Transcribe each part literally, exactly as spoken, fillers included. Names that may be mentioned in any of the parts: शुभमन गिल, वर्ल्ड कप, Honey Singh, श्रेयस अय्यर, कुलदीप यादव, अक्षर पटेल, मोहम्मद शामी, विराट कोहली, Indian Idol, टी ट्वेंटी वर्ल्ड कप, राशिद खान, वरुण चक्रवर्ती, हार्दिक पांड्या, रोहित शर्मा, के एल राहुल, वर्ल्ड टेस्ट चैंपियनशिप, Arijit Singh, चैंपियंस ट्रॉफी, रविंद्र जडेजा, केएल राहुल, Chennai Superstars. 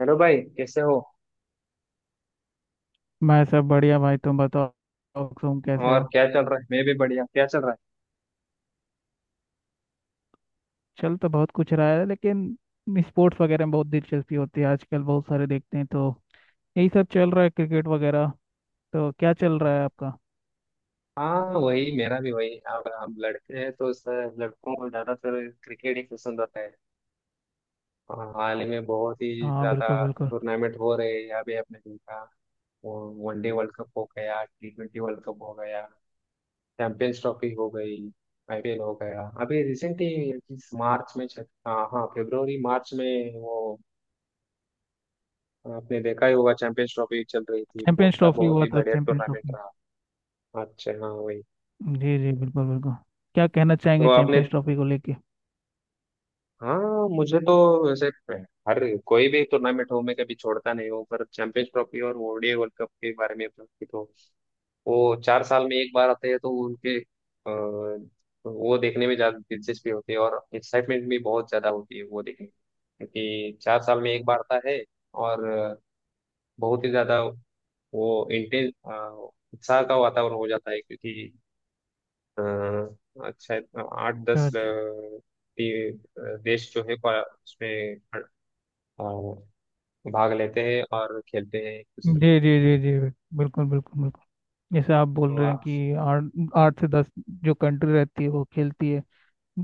Hello भाई, कैसे हो। मैं सब बढ़िया भाई। तुम बताओ, तुम कैसे हो? और क्या चल रहा है, मैं भी बढ़िया। क्या चल रहा है? चल तो बहुत कुछ रहा है, लेकिन स्पोर्ट्स वगैरह में बहुत दिलचस्पी होती है आजकल, बहुत सारे देखते हैं। तो यही सब चल रहा है, क्रिकेट वगैरह। तो क्या चल रहा है आपका? हाँ, वही, मेरा भी वही। अब हम लड़के हैं तो सर लड़कों को ज्यादातर क्रिकेट ही पसंद आता है। हाँ, हाल ही में बहुत ही हाँ, ज्यादा बिल्कुल बिल्कुल। टूर्नामेंट हो रहे हैं अभी, आपने देखा। वनडे वर्ल्ड कप हो गया, टी ट्वेंटी वर्ल्ड कप हो गया, चैंपियंस ट्रॉफी हो गई, आई पी एल हो गया अभी रिसेंटली। इस मार्च में चल हाँ हाँ फरवरी मार्च में, वो आपने देखा ही होगा, चैंपियंस ट्रॉफी चल रही थी। बहुत चैंपियंस क्या, ट्रॉफी बहुत हुआ ही था, बढ़िया चैंपियंस टूर्नामेंट ट्रॉफी। रहा। अच्छा, हाँ वही। जी जी, बिल्कुल बिल्कुल। क्या कहना तो चाहेंगे आपने, चैंपियंस ट्रॉफी को लेके? हाँ मुझे तो, वैसे, हर कोई भी टूर्नामेंट हो मैं कभी छोड़ता नहीं हूँ, पर चैंपियंस ट्रॉफी और O D I वर्ल्ड कप के बारे में बातचीत हो, वो चार साल में एक बार आते हैं, तो उनके अ, वो देखने में ज्यादा दिलचस्पी होती है और एक्साइटमेंट भी बहुत ज्यादा होती है वो देखने में, क्योंकि चार साल में एक बार आता है। और बहुत ही ज्यादा वो इंटेंस उत्साह का वातावरण हो जाता है, क्योंकि हाँ, आज शायद आठ दस अ, अच्छा। टी- अ, देश जो है क्वा- उसमें अ, भाग लेते हैं और खेलते हैं एक दूसरे के। जी जी जी जी, बिल्कुल बिल्कुल बिल्कुल। जैसे आप बोल तो रहे हैं आप, कि आठ, आठ से दस जो कंट्री रहती है वो खेलती है।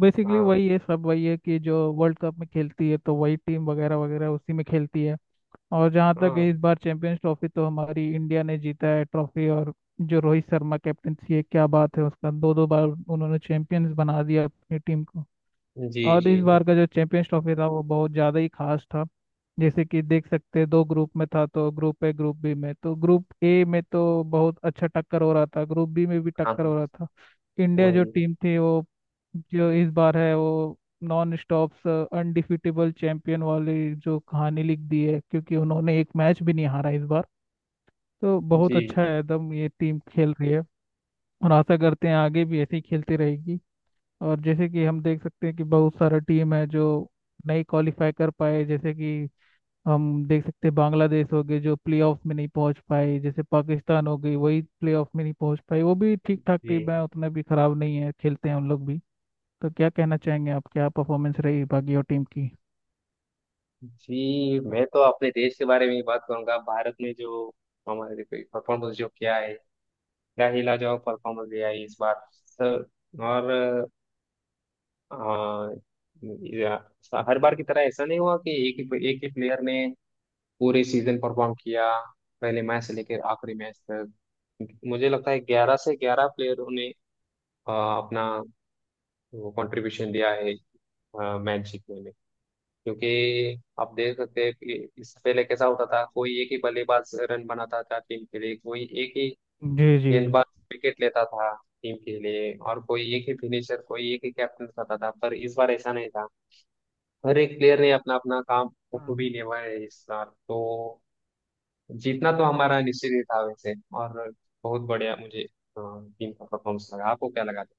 बेसिकली हाँ वही है सब, वही है कि जो वर्ल्ड कप में खेलती है तो वही टीम वगैरह वगैरह उसी में खेलती है। और जहाँ तक है हाँ, इस बार चैंपियंस ट्रॉफी, तो हमारी इंडिया ने जीता है ट्रॉफी। और जो रोहित शर्मा कैप्टनसी है, क्या बात है उसका, दो दो बार उन्होंने चैंपियंस बना दिया अपनी टीम को। जी और जी इस जी, बार का जो चैंपियंस ट्रॉफी था वो बहुत ज़्यादा ही खास था। जैसे कि देख सकते हैं दो ग्रुप में था, तो ग्रुप ए ग्रुप बी में, तो ग्रुप ए में तो बहुत अच्छा टक्कर हो रहा था, ग्रुप बी में भी टक्कर हाँ हो रहा था। इंडिया जो वही। टीम थी वो, जो इस बार है वो नॉन स्टॉप अनडिफिटेबल चैंपियन वाली जो कहानी लिख दी है, क्योंकि उन्होंने एक मैच भी नहीं हारा इस बार। तो बहुत जी अच्छा है एकदम, ये टीम खेल रही है। और आशा करते हैं आगे भी ऐसे ही खेलती रहेगी। और जैसे कि हम देख सकते हैं कि बहुत सारा टीम है जो नहीं क्वालिफाई कर पाए। जैसे कि हम देख सकते हैं बांग्लादेश हो गए जो प्लेऑफ में नहीं पहुंच पाए, जैसे पाकिस्तान हो गई, वही प्लेऑफ में नहीं पहुंच पाई। वो भी ठीक ठाक टीम जी है, उतना भी खराब नहीं है, खेलते हैं उन लोग भी। तो क्या कहना चाहेंगे आप, क्या परफॉर्मेंस रही बाकी और टीम की? जी, मैं तो अपने देश के बारे में ही बात करूंगा। भारत ने जो हमारे परफॉर्मेंस जो किया है, क्या ही लाजवाब परफॉर्मेंस दिया है इस बार सर। और अ, हाँ, या- हर बार की तरह ऐसा नहीं हुआ कि एक ही एक ही प्लेयर ने पूरे सीजन परफॉर्म किया पहले मैच से लेकर आखिरी मैच तक। मुझे लगता है ग्यारह से ग्यारह प्लेयरों ने अ, अपना वो कंट्रीब्यूशन दिया है मैच जीतने में। क्योंकि आप देख सकते हैं कि इससे पहले कैसा होता था, कोई एक ही बल्लेबाज रन बनाता था टीम के लिए, कोई एक ही जी जी गेंदबाज विकेट लेता था टीम के लिए, और कोई एक ही फिनिशर, कोई एक ही कैप्टन करता था, पर इस बार ऐसा नहीं था। हर एक प्लेयर ने अपना अपना काम बखूबी जी निभाया है इस बार तो। जीतना तो हमारा निश्चित ही था वैसे। और बहुत बढ़िया मुझे अ, टीम का परफॉर्मेंस लगा। आपको क्या लगा था?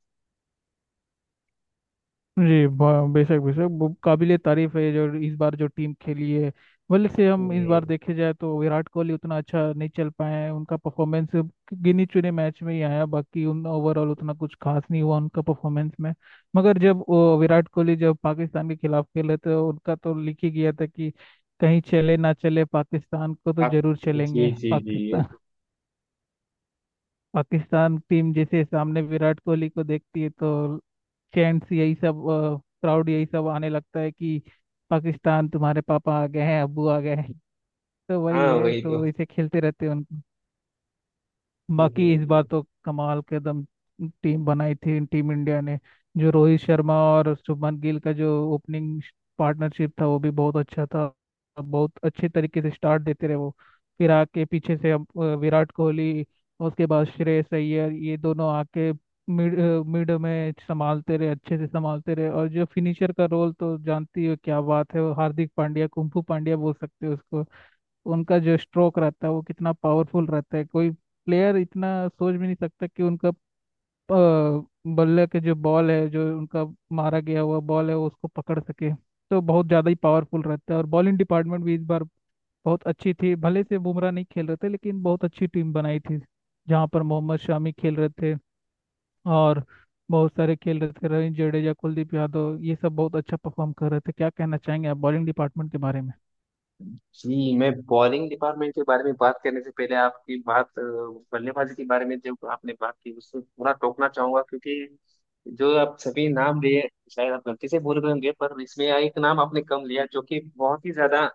जी, ब- बेशक बेशक वो ए तारीफ है जो इस बार जो टीम खेली है। भले से हम इस जी। बार देखे जाए तो विराट कोहली उतना अच्छा नहीं चल पाए हैं, उनका परफॉर्मेंस गिनी चुने मैच में ही आया, बाकी उन ओवरऑल उतना कुछ खास नहीं हुआ उनका परफॉर्मेंस में। मगर जब वो विराट कोहली जब पाकिस्तान के खिलाफ खेले तो उनका तो लिख ही गया था कि कहीं चले ना चले पाकिस्तान को तो आप, जरूर जी चलेंगे, जी जी, ये पाकिस्तान। तो, पाकिस्तान टीम जैसे सामने विराट कोहली को देखती है तो चैंट्स यही सब, क्राउड यही सब आने लगता है कि पाकिस्तान तुम्हारे पापा आ गए हैं, अब्बू आ गए हैं। तो वही हाँ है, वही तो। तो इसे खेलते रहते हैं उन। जी बाकी इस जी बार तो कमाल के एकदम टीम बनाई थी टीम इंडिया ने। जो रोहित शर्मा और शुभमन गिल का जो ओपनिंग पार्टनरशिप था वो भी बहुत अच्छा था। बहुत अच्छे तरीके से स्टार्ट देते रहे वो। फिर आके पीछे से अब, अ, विराट कोहली, उसके बाद श्रेयस अय्यर, ये दोनों आके मिड अ, मिड में संभालते रहे, अच्छे से संभालते रहे। और जो फिनिशर का रोल, तो जानती हो क्या बात है, वो हार्दिक पांड्या, कुंफू पांड्या बोल सकते हो उसको। उनका जो स्ट्रोक रहता है वो कितना पावरफुल रहता है, कोई प्लेयर इतना सोच भी नहीं सकता कि उनका अ, बल्ले के जो बॉल है, जो उनका मारा गया हुआ बॉल है, वो उसको पकड़ सके। तो बहुत ज़्यादा ही पावरफुल रहता है। और बॉलिंग डिपार्टमेंट भी इस बार बहुत अच्छी थी। भले से बुमराह नहीं खेल रहे थे, लेकिन बहुत अच्छी टीम बनाई थी जहाँ पर मोहम्मद शामी खेल रहे थे। और बहुत सारे खेल रहे थे, रविंद्र जडेजा, कुलदीप यादव, ये सब बहुत अच्छा परफॉर्म कर रहे थे। क्या कहना चाहेंगे आप बॉलिंग डिपार्टमेंट के बारे में? जी, मैं बॉलिंग डिपार्टमेंट के बारे में बात करने से पहले आपकी बात, अ, बल्लेबाजी के बारे में जो आपने बात की उससे थोड़ा टोकना चाहूंगा, क्योंकि जो आप सभी नाम लिए, शायद आप गलती से भूल गए होंगे, पर इसमें एक नाम आपने कम लिया, जो कि बहुत ही ज्यादा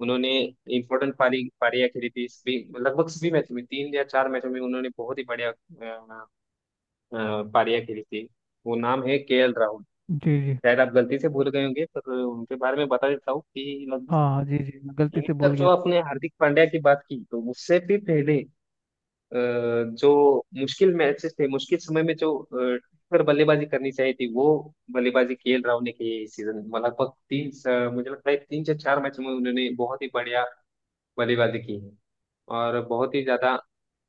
उन्होंने इम्पोर्टेंट पारी पारियां खेली थी, सभी लगभग सभी मैचों में, तीन या चार मैचों में उन्होंने बहुत ही बढ़िया अ, अ, पारियां खेली थी। वो नाम है के एल राहुल। जी जी। शायद आप गलती से भूल गए होंगे, पर उनके बारे में बता देता हूँ कि लगभग हाँ हाँ, जी जी, मैं गलती से इनिंग, बोल गया। जो आपने हार्दिक पांड्या की बात की, तो उससे भी पहले अ, जो मुश्किल मैचेस थे, मुश्किल समय में जो अ, पर बल्लेबाजी करनी चाहिए थी वो बल्लेबाजी केएल राहुल ने की है इस सीजन। लगभग तीन स- मुझे लगता है तीन से चार मैच में उन्होंने बहुत ही बढ़िया बल्लेबाजी की है। और बहुत ही ज्यादा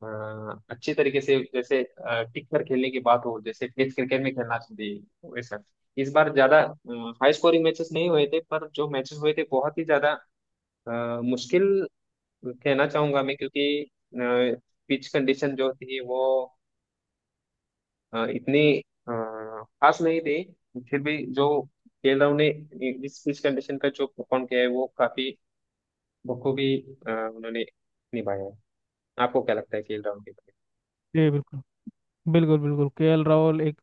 अ, अच्छे तरीके से, जैसे अ, टिक कर खेलने की बात हो, जैसे टेस्ट क्रिकेट में खेलना चाहिए वैसा। इस बार ज्यादा हाई स्कोरिंग मैचेस नहीं हुए थे, पर जो मैचेस हुए थे बहुत ही ज्यादा अ, मुश्किल कहना चाहूंगा मैं, क्योंकि पिच कंडीशन जो थी वो अ, इतनी अ, खास नहीं थी। फिर भी जो खेलरों ने इस पिच कंडीशन का जो परफॉर्म किया है वो काफी बखूबी अ, उन्होंने निभाया है। आपको क्या लगता है खेल राहुल के बारे? जी बिल्कुल, बिल्कुल बिल्कुल। केएल राहुल एक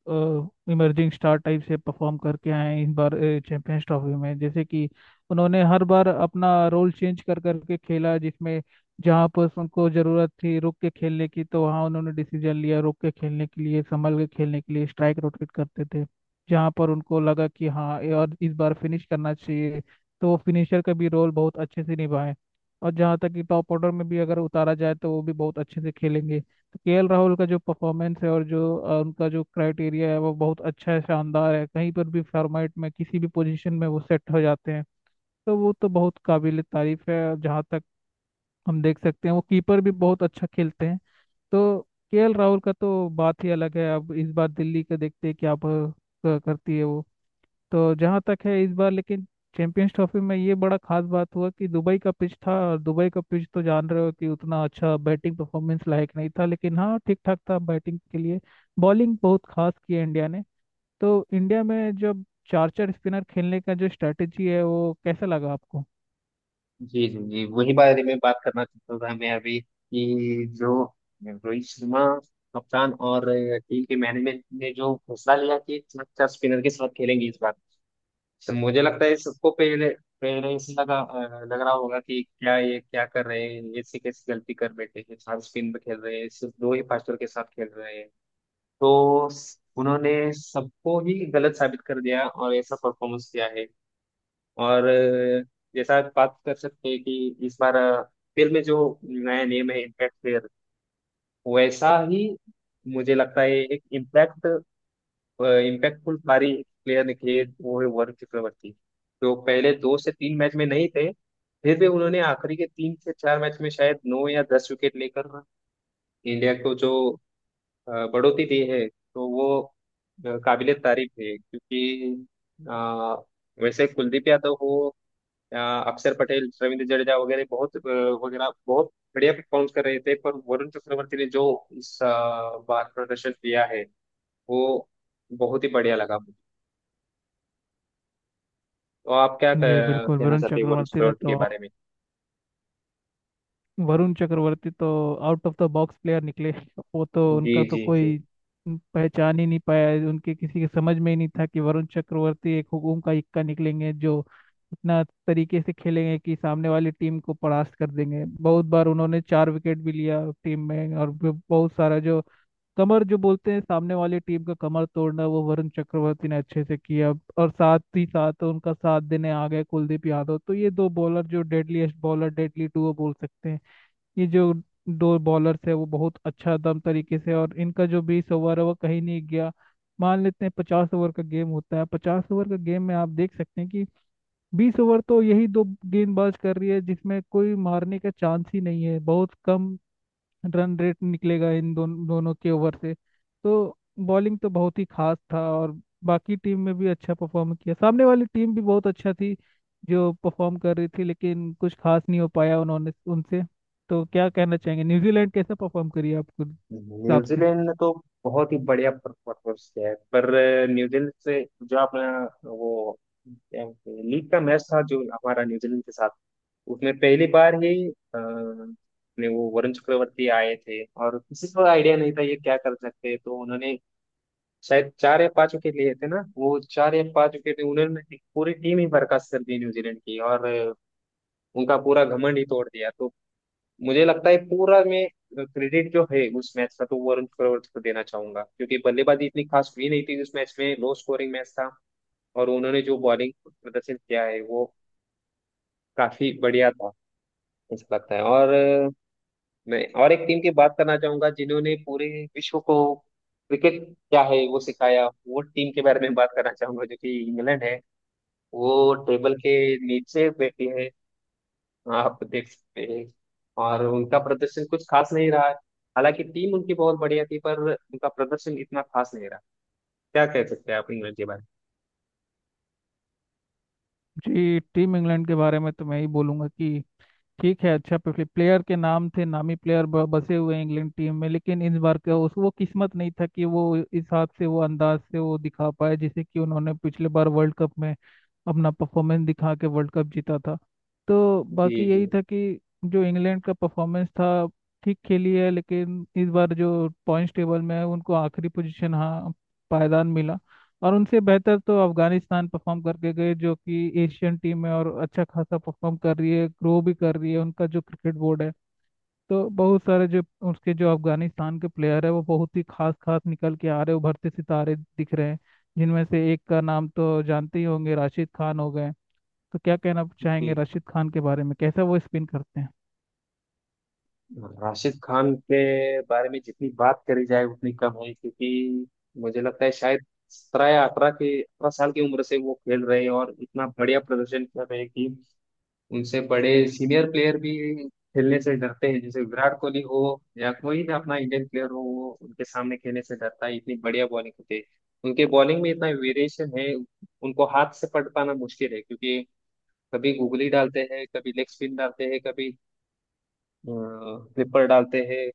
इमर्जिंग स्टार टाइप से परफॉर्म करके आए हैं इस बार चैंपियंस ट्रॉफी में। जैसे कि उन्होंने हर बार अपना रोल चेंज कर करके खेला, जिसमें जहाँ पर उनको जरूरत थी रुक के खेलने की तो वहाँ उन्होंने डिसीजन लिया रुक के खेलने के लिए, संभल के खेलने के लिए, स्ट्राइक रोटेट करते थे। जहाँ पर उनको लगा कि हाँ ये और इस बार फिनिश करना चाहिए, तो वो फिनिशर का भी रोल बहुत अच्छे से निभाए। और जहाँ तक कि टॉप ऑर्डर में भी अगर उतारा जाए तो वो भी बहुत अच्छे से खेलेंगे। केएल राहुल का जो परफॉर्मेंस है और जो अ, उनका जो क्राइटेरिया है वो बहुत अच्छा है, शानदार है, कहीं पर भी फॉर्मेट में, किसी भी पोजीशन में वो सेट हो जाते हैं। तो वो तो बहुत काबिल तारीफ है। जहाँ तक हम देख सकते हैं वो कीपर भी बहुत अच्छा खेलते हैं। तो केएल राहुल का तो बात ही अलग है। अब इस बार दिल्ली का देखते हैं क्या प- करती है वो। तो जहाँ तक है इस बार लेकिन चैंपियंस ट्रॉफी में ये बड़ा खास बात हुआ कि दुबई का पिच था, और दुबई का पिच तो जान रहे हो कि उतना अच्छा बैटिंग परफॉर्मेंस लायक नहीं था, लेकिन हाँ ठीक ठाक था बैटिंग के लिए। बॉलिंग बहुत खास की है इंडिया ने। तो इंडिया में जब चार चार स्पिनर खेलने का जो स्ट्रेटेजी है वो कैसा लगा आपको? जी जी जी, वही बारे में बात करना चाहता था मैं अभी, कि जो रोहित शर्मा कप्तान और टीम के मैनेजमेंट ने जो फैसला लिया कि चार स्पिनर के साथ खेलेंगे इस बार। तो मुझे लगता है सबको पहले पहले से लगा अ, लग रहा होगा कि क्या ये क्या कर रहे हैं, ये से कैसी गलती कर बैठे हैं, चार स्पिन पे खेल रहे हैं, सिर्फ दो ही फास्टर के साथ खेल रहे हैं। तो उन्होंने सबको ही गलत साबित कर दिया और ऐसा परफॉर्मेंस किया है। और अ, जैसा आप बात कर सकते हैं कि इस बार अ, फिल्म में जो नया नेम है इम्पैक्ट प्लेयर, वैसा ही मुझे लगता है एक इम्पैक्ट इम्पैक्टफुल पारी प्लेयर निकले वो है वरुण चक्रवर्ती। जो पहले दो से तीन मैच में नहीं थे, फिर भी उन्होंने आखिरी के तीन से चार मैच में शायद नौ या दस विकेट लेकर इंडिया को जो अ, बढ़ोतरी दी है, तो वो काबिले तारीफ है। क्योंकि अ, वैसे कुलदीप यादव हो, अ, अक्षर पटेल, रविंद्र जडेजा वगैरह बहुत अ, वगैरह बहुत बढ़िया परफॉर्म कर रहे थे, पर वरुण चक्रवर्ती ने जो इस अ, बार प्रदर्शन किया है वो बहुत ही बढ़िया लगा मुझे। तो आप क्या जी कह- बिल्कुल। कहना वरुण चाहते हैं वरुण चक्रवर्ती ने चक्रवर्ती के तो, बारे में? वरुण चक्रवर्ती तो out of the box player निकले। वो तो, जी उनका तो जी जी। कोई पहचान ही नहीं पाया, उनके किसी के समझ में ही नहीं था कि वरुण चक्रवर्ती एक हुकुम का इक्का निकलेंगे जो इतना तरीके से खेलेंगे कि सामने वाली टीम को परास्त कर देंगे। बहुत बार उन्होंने चार विकेट भी लिया टीम में। और ब- बहुत सारा जो कमर जो बोलते हैं, सामने वाली टीम का कमर तोड़ना, वो वरुण चक्रवर्ती ने अच्छे से किया। और साथ ही साथ उनका साथ देने आ गए कुलदीप यादव। तो ये दो बॉलर, जो डेडलीस्ट बॉलर, डेडली डुओ बोल सकते हैं। ये जो दो बॉलर्स है वो बहुत अच्छा दम तरीके से, और इनका जो बीस ओवर है वो कहीं नहीं गया। मान लेते हैं पचास ओवर का गेम होता है, पचास ओवर का गेम में आप देख सकते हैं कि बीस ओवर तो यही दो गेंदबाज कर रही है, जिसमें कोई मारने का चांस ही नहीं है, बहुत कम रन रेट निकलेगा इन दोन, दोनों के ओवर से। तो बॉलिंग तो बहुत ही खास था। और बाकी टीम में भी अच्छा परफॉर्म किया, सामने वाली टीम भी बहुत अच्छा थी जो परफॉर्म कर रही थी, लेकिन कुछ खास नहीं हो पाया उन्होंने उनसे। तो क्या कहना चाहेंगे न्यूजीलैंड कैसा परफॉर्म करी आपके हिसाब से? न्यूजीलैंड ने तो बहुत ही बढ़िया परफॉर्मेंस किया है, पर अ, न्यूजीलैंड से जो अपना वो लीग का मैच था जो हमारा न्यूजीलैंड के साथ, उसमें पहली बार ही अ, अपने वो वरुण चक्रवर्ती आए थे और किसी को आइडिया नहीं था ये क्या कर सकते हैं। तो उन्होंने शायद चार या पांच विकेट लिए थे ना, वो चार या पांच विकेट उन्होंने, पूरी टीम ही बर्खास्त कर दी न्यूजीलैंड की, और अ, उनका पूरा घमंड ही तोड़ दिया। तो मुझे लगता है पूरा मैं क्रेडिट जो है उस मैच का तो वरुण चक्रवर्ती को देना चाहूंगा, क्योंकि बल्लेबाजी इतनी खास हुई नहीं थी उस मैच में, लो स्कोरिंग मैच था। और उन्होंने जो बॉलिंग प्रदर्शन किया है वो काफी बढ़िया था मुझे लगता है। और अ, मैं और एक टीम की बात करना चाहूंगा, जिन्होंने पूरे विश्व को क्रिकेट क्या है वो सिखाया। वो टीम के बारे में बात करना चाहूंगा जो कि इंग्लैंड है। वो टेबल के नीचे बैठी है, आप देख सकते हैं, और उनका प्रदर्शन कुछ खास नहीं रहा है। हालांकि टीम उनकी बहुत बढ़िया थी, पर उनका प्रदर्शन इतना खास नहीं रहा। क्या कह सकते हैं आप इंग्लैंड के बारे जी टीम इंग्लैंड के बारे में तो मैं ही बोलूंगा कि ठीक है, अच्छा पिछले प्लेयर के नाम थे, नामी प्लेयर ब- बसे हुए हैं इंग्लैंड टीम में, लेकिन इस बार का उस वो किस्मत नहीं था कि वो इस हाथ से वो अंदाज से वो दिखा पाए जैसे कि उन्होंने पिछले बार वर्ल्ड कप में अपना परफॉर्मेंस दिखा के वर्ल्ड कप जीता था। तो में? बाकी जी जी यही था कि जो इंग्लैंड का परफॉर्मेंस था, ठीक खेली है, लेकिन इस बार जो पॉइंट्स टेबल में है उनको आखिरी पोजीशन, हाँ, पायदान मिला। और उनसे बेहतर तो अफगानिस्तान परफॉर्म करके गए जो कि एशियन टीम है और अच्छा खासा परफॉर्म कर रही है, ग्रो भी कर रही है, उनका जो क्रिकेट बोर्ड है। तो बहुत सारे जो उसके जो अफगानिस्तान के प्लेयर है वो बहुत ही खास खास निकल के आ रहे, उभरते सितारे दिख रहे हैं। जिनमें से एक का नाम तो जानते ही होंगे, राशिद खान हो गए। तो क्या कहना जी। चाहेंगे राशिद खान के बारे में, कैसा वो स्पिन करते हैं? राशिद खान के बारे में जितनी बात करी जाए उतनी कम है, क्योंकि मुझे लगता है शायद सत्रह या अठारह के, अठारह साल की उम्र से वो खेल रहे हैं और इतना बढ़िया प्रदर्शन कर रहे हैं कि उनसे बड़े सीनियर प्लेयर भी खेलने से डरते हैं। जैसे विराट कोहली हो या कोई भी अपना इंडियन प्लेयर हो, वो उनके सामने खेलने से डरता है, इतनी बढ़िया बॉलिंग होती है। उनके बॉलिंग में इतना वेरिएशन है, उनको हाथ से पकड़ पाना मुश्किल है, क्योंकि कभी गुगली डालते हैं, कभी लेग स्पिन डालते हैं, कभी फ्लिपर डालते हैं।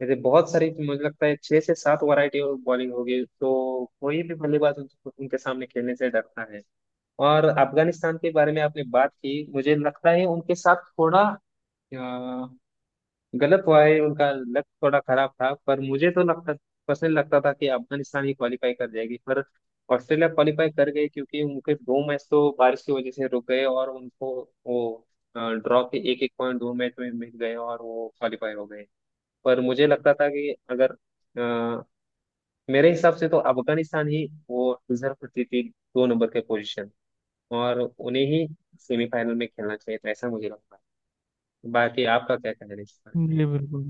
जैसे बहुत सारी, मुझे लगता है छह से सात वैरायटी ऑफ बॉलिंग होगी, तो कोई भी बल्लेबाज उन- उनके सामने खेलने से डरता है। और अफगानिस्तान के बारे में आपने बात की, मुझे लगता है उनके साथ थोड़ा, हाँ, गलत हुआ है, उनका लक थोड़ा खराब था। पर मुझे तो लगता, पर्सनली लगता था कि अफगानिस्तान ही क्वालिफाई कर जाएगी, पर ऑस्ट्रेलिया क्वालिफाई कर गई, क्योंकि उनके दो मैच तो बारिश की वजह से रुक गए और उनको वो ड्रॉ के एक एक पॉइंट दो मैच में मिल गए और वो क्वालिफाई हो गए। पर मुझे लगता था कि अगर अ, मेरे हिसाब से तो अफगानिस्तान ही वो डिजर्व करती थी दो नंबर के पोजीशन, और उन्हें ही सेमीफाइनल में खेलना चाहिए था, ऐसा मुझे लगता है। बाकी आपका क्या कहना है इस पर? जी बिल्कुल,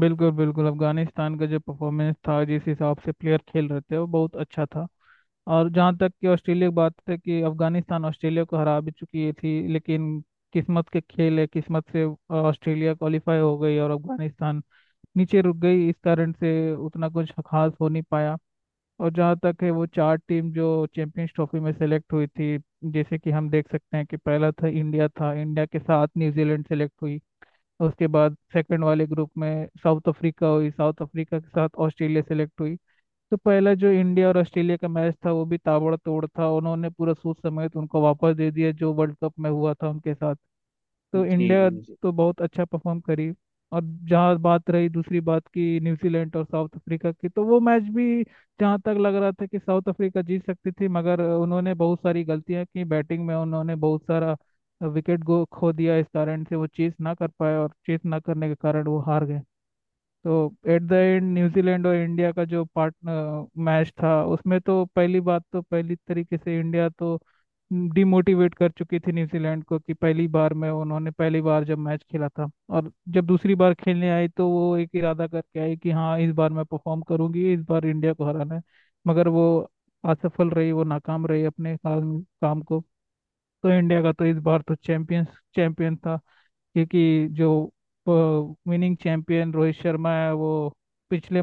बिल्कुल बिल्कुल। अफगानिस्तान का जो परफॉर्मेंस था जिस हिसाब से प्लेयर खेल रहे थे वो बहुत अच्छा था। और जहाँ तक कि ऑस्ट्रेलिया की बात है कि अफगानिस्तान ऑस्ट्रेलिया को हरा भी चुकी थी, लेकिन किस्मत के खेल है, किस्मत से ऑस्ट्रेलिया क्वालिफाई हो गई और अफगानिस्तान नीचे रुक गई, इस कारण से उतना कुछ खास हो नहीं पाया। और जहाँ तक है वो चार टीम जो चैंपियंस ट्रॉफी में सेलेक्ट हुई थी, जैसे कि हम देख सकते हैं कि पहला था इंडिया था, इंडिया के साथ न्यूजीलैंड सेलेक्ट हुई। उसके बाद सेकंड वाले ग्रुप में साउथ अफ्रीका हुई, साउथ अफ्रीका के साथ ऑस्ट्रेलिया सेलेक्ट हुई। तो पहला जो इंडिया और ऑस्ट्रेलिया का मैच था, वो भी ताबड़तोड़ था, उन्होंने पूरा सोच समेत उनको वापस दे दिया जो वर्ल्ड कप में हुआ था उनके साथ। तो जी इंडिया जी तो बहुत अच्छा परफॉर्म करी। और जहाँ बात रही दूसरी बात की न्यूजीलैंड और साउथ अफ्रीका की, तो वो मैच भी, जहाँ तक लग रहा था कि साउथ अफ्रीका जीत सकती थी, मगर उन्होंने बहुत सारी गलतियाँ की बैटिंग में, उन्होंने बहुत सारा विकेट गो खो दिया, इस कारण से वो चेस ना कर पाए, और चेस ना करने के कारण वो हार गए। तो एट द एंड न्यूजीलैंड और इंडिया का जो पार्टनर मैच था, उसमें तो पहली बात, तो पहली तरीके से इंडिया तो डिमोटिवेट कर चुकी थी न्यूजीलैंड को कि पहली बार में उन्होंने, पहली बार जब मैच खेला था। और जब दूसरी बार खेलने आई तो वो एक इरादा करके आई कि हाँ इस बार मैं परफॉर्म करूंगी, इस बार इंडिया को हराना है। मगर वो असफल रही, वो नाकाम रही अपने काम काम को। तो इंडिया का तो इस बार तो चैंपियंस चैंपियन था। क्योंकि जो विनिंग चैंपियन रोहित शर्मा है, वो पिछले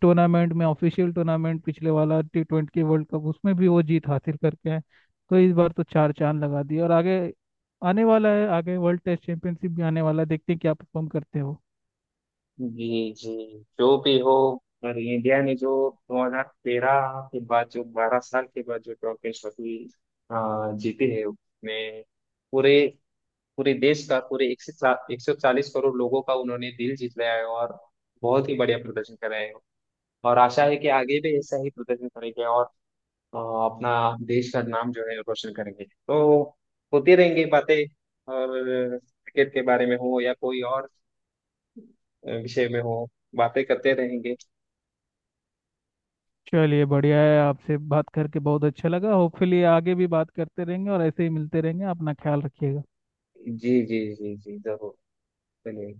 टूर्नामेंट में, ऑफिशियल टूर्नामेंट पिछले वाला टी ट्वेंटी वर्ल्ड कप, उसमें भी वो जीत हासिल करके आए। तो इस बार तो चार चांद लगा दिए। और आगे आने वाला है, आगे वर्ल्ड टेस्ट चैंपियनशिप भी आने वाला है, देखते हैं क्या परफॉर्म करते हो। जी जी, जो भी हो, पर इंडिया ने जो दो हज़ार तेरह के बाद, जो बारह साल के बाद जो ट्रॉफी ट्रॉफी जीती है, उसमें पूरे पूरे देश का, पूरे एक सौ एक सौ चालीस करोड़ लोगों का उन्होंने दिल जीत लिया है, और बहुत ही बढ़िया प्रदर्शन कर रहे हैं। और आशा है कि आगे भी ऐसा ही प्रदर्शन करेंगे और अ, अपना देश का नाम जो है रोशन करेंगे। तो होती रहेंगी बातें, और क्रिकेट के बारे में हो या कोई और विषय में हो, बातें करते रहेंगे। चलिए बढ़िया है, आपसे बात करके बहुत अच्छा लगा, होपफुली आगे भी बात करते रहेंगे और ऐसे ही मिलते रहेंगे, अपना ख्याल रखिएगा। जी जी जी जी जरूर। चलिए।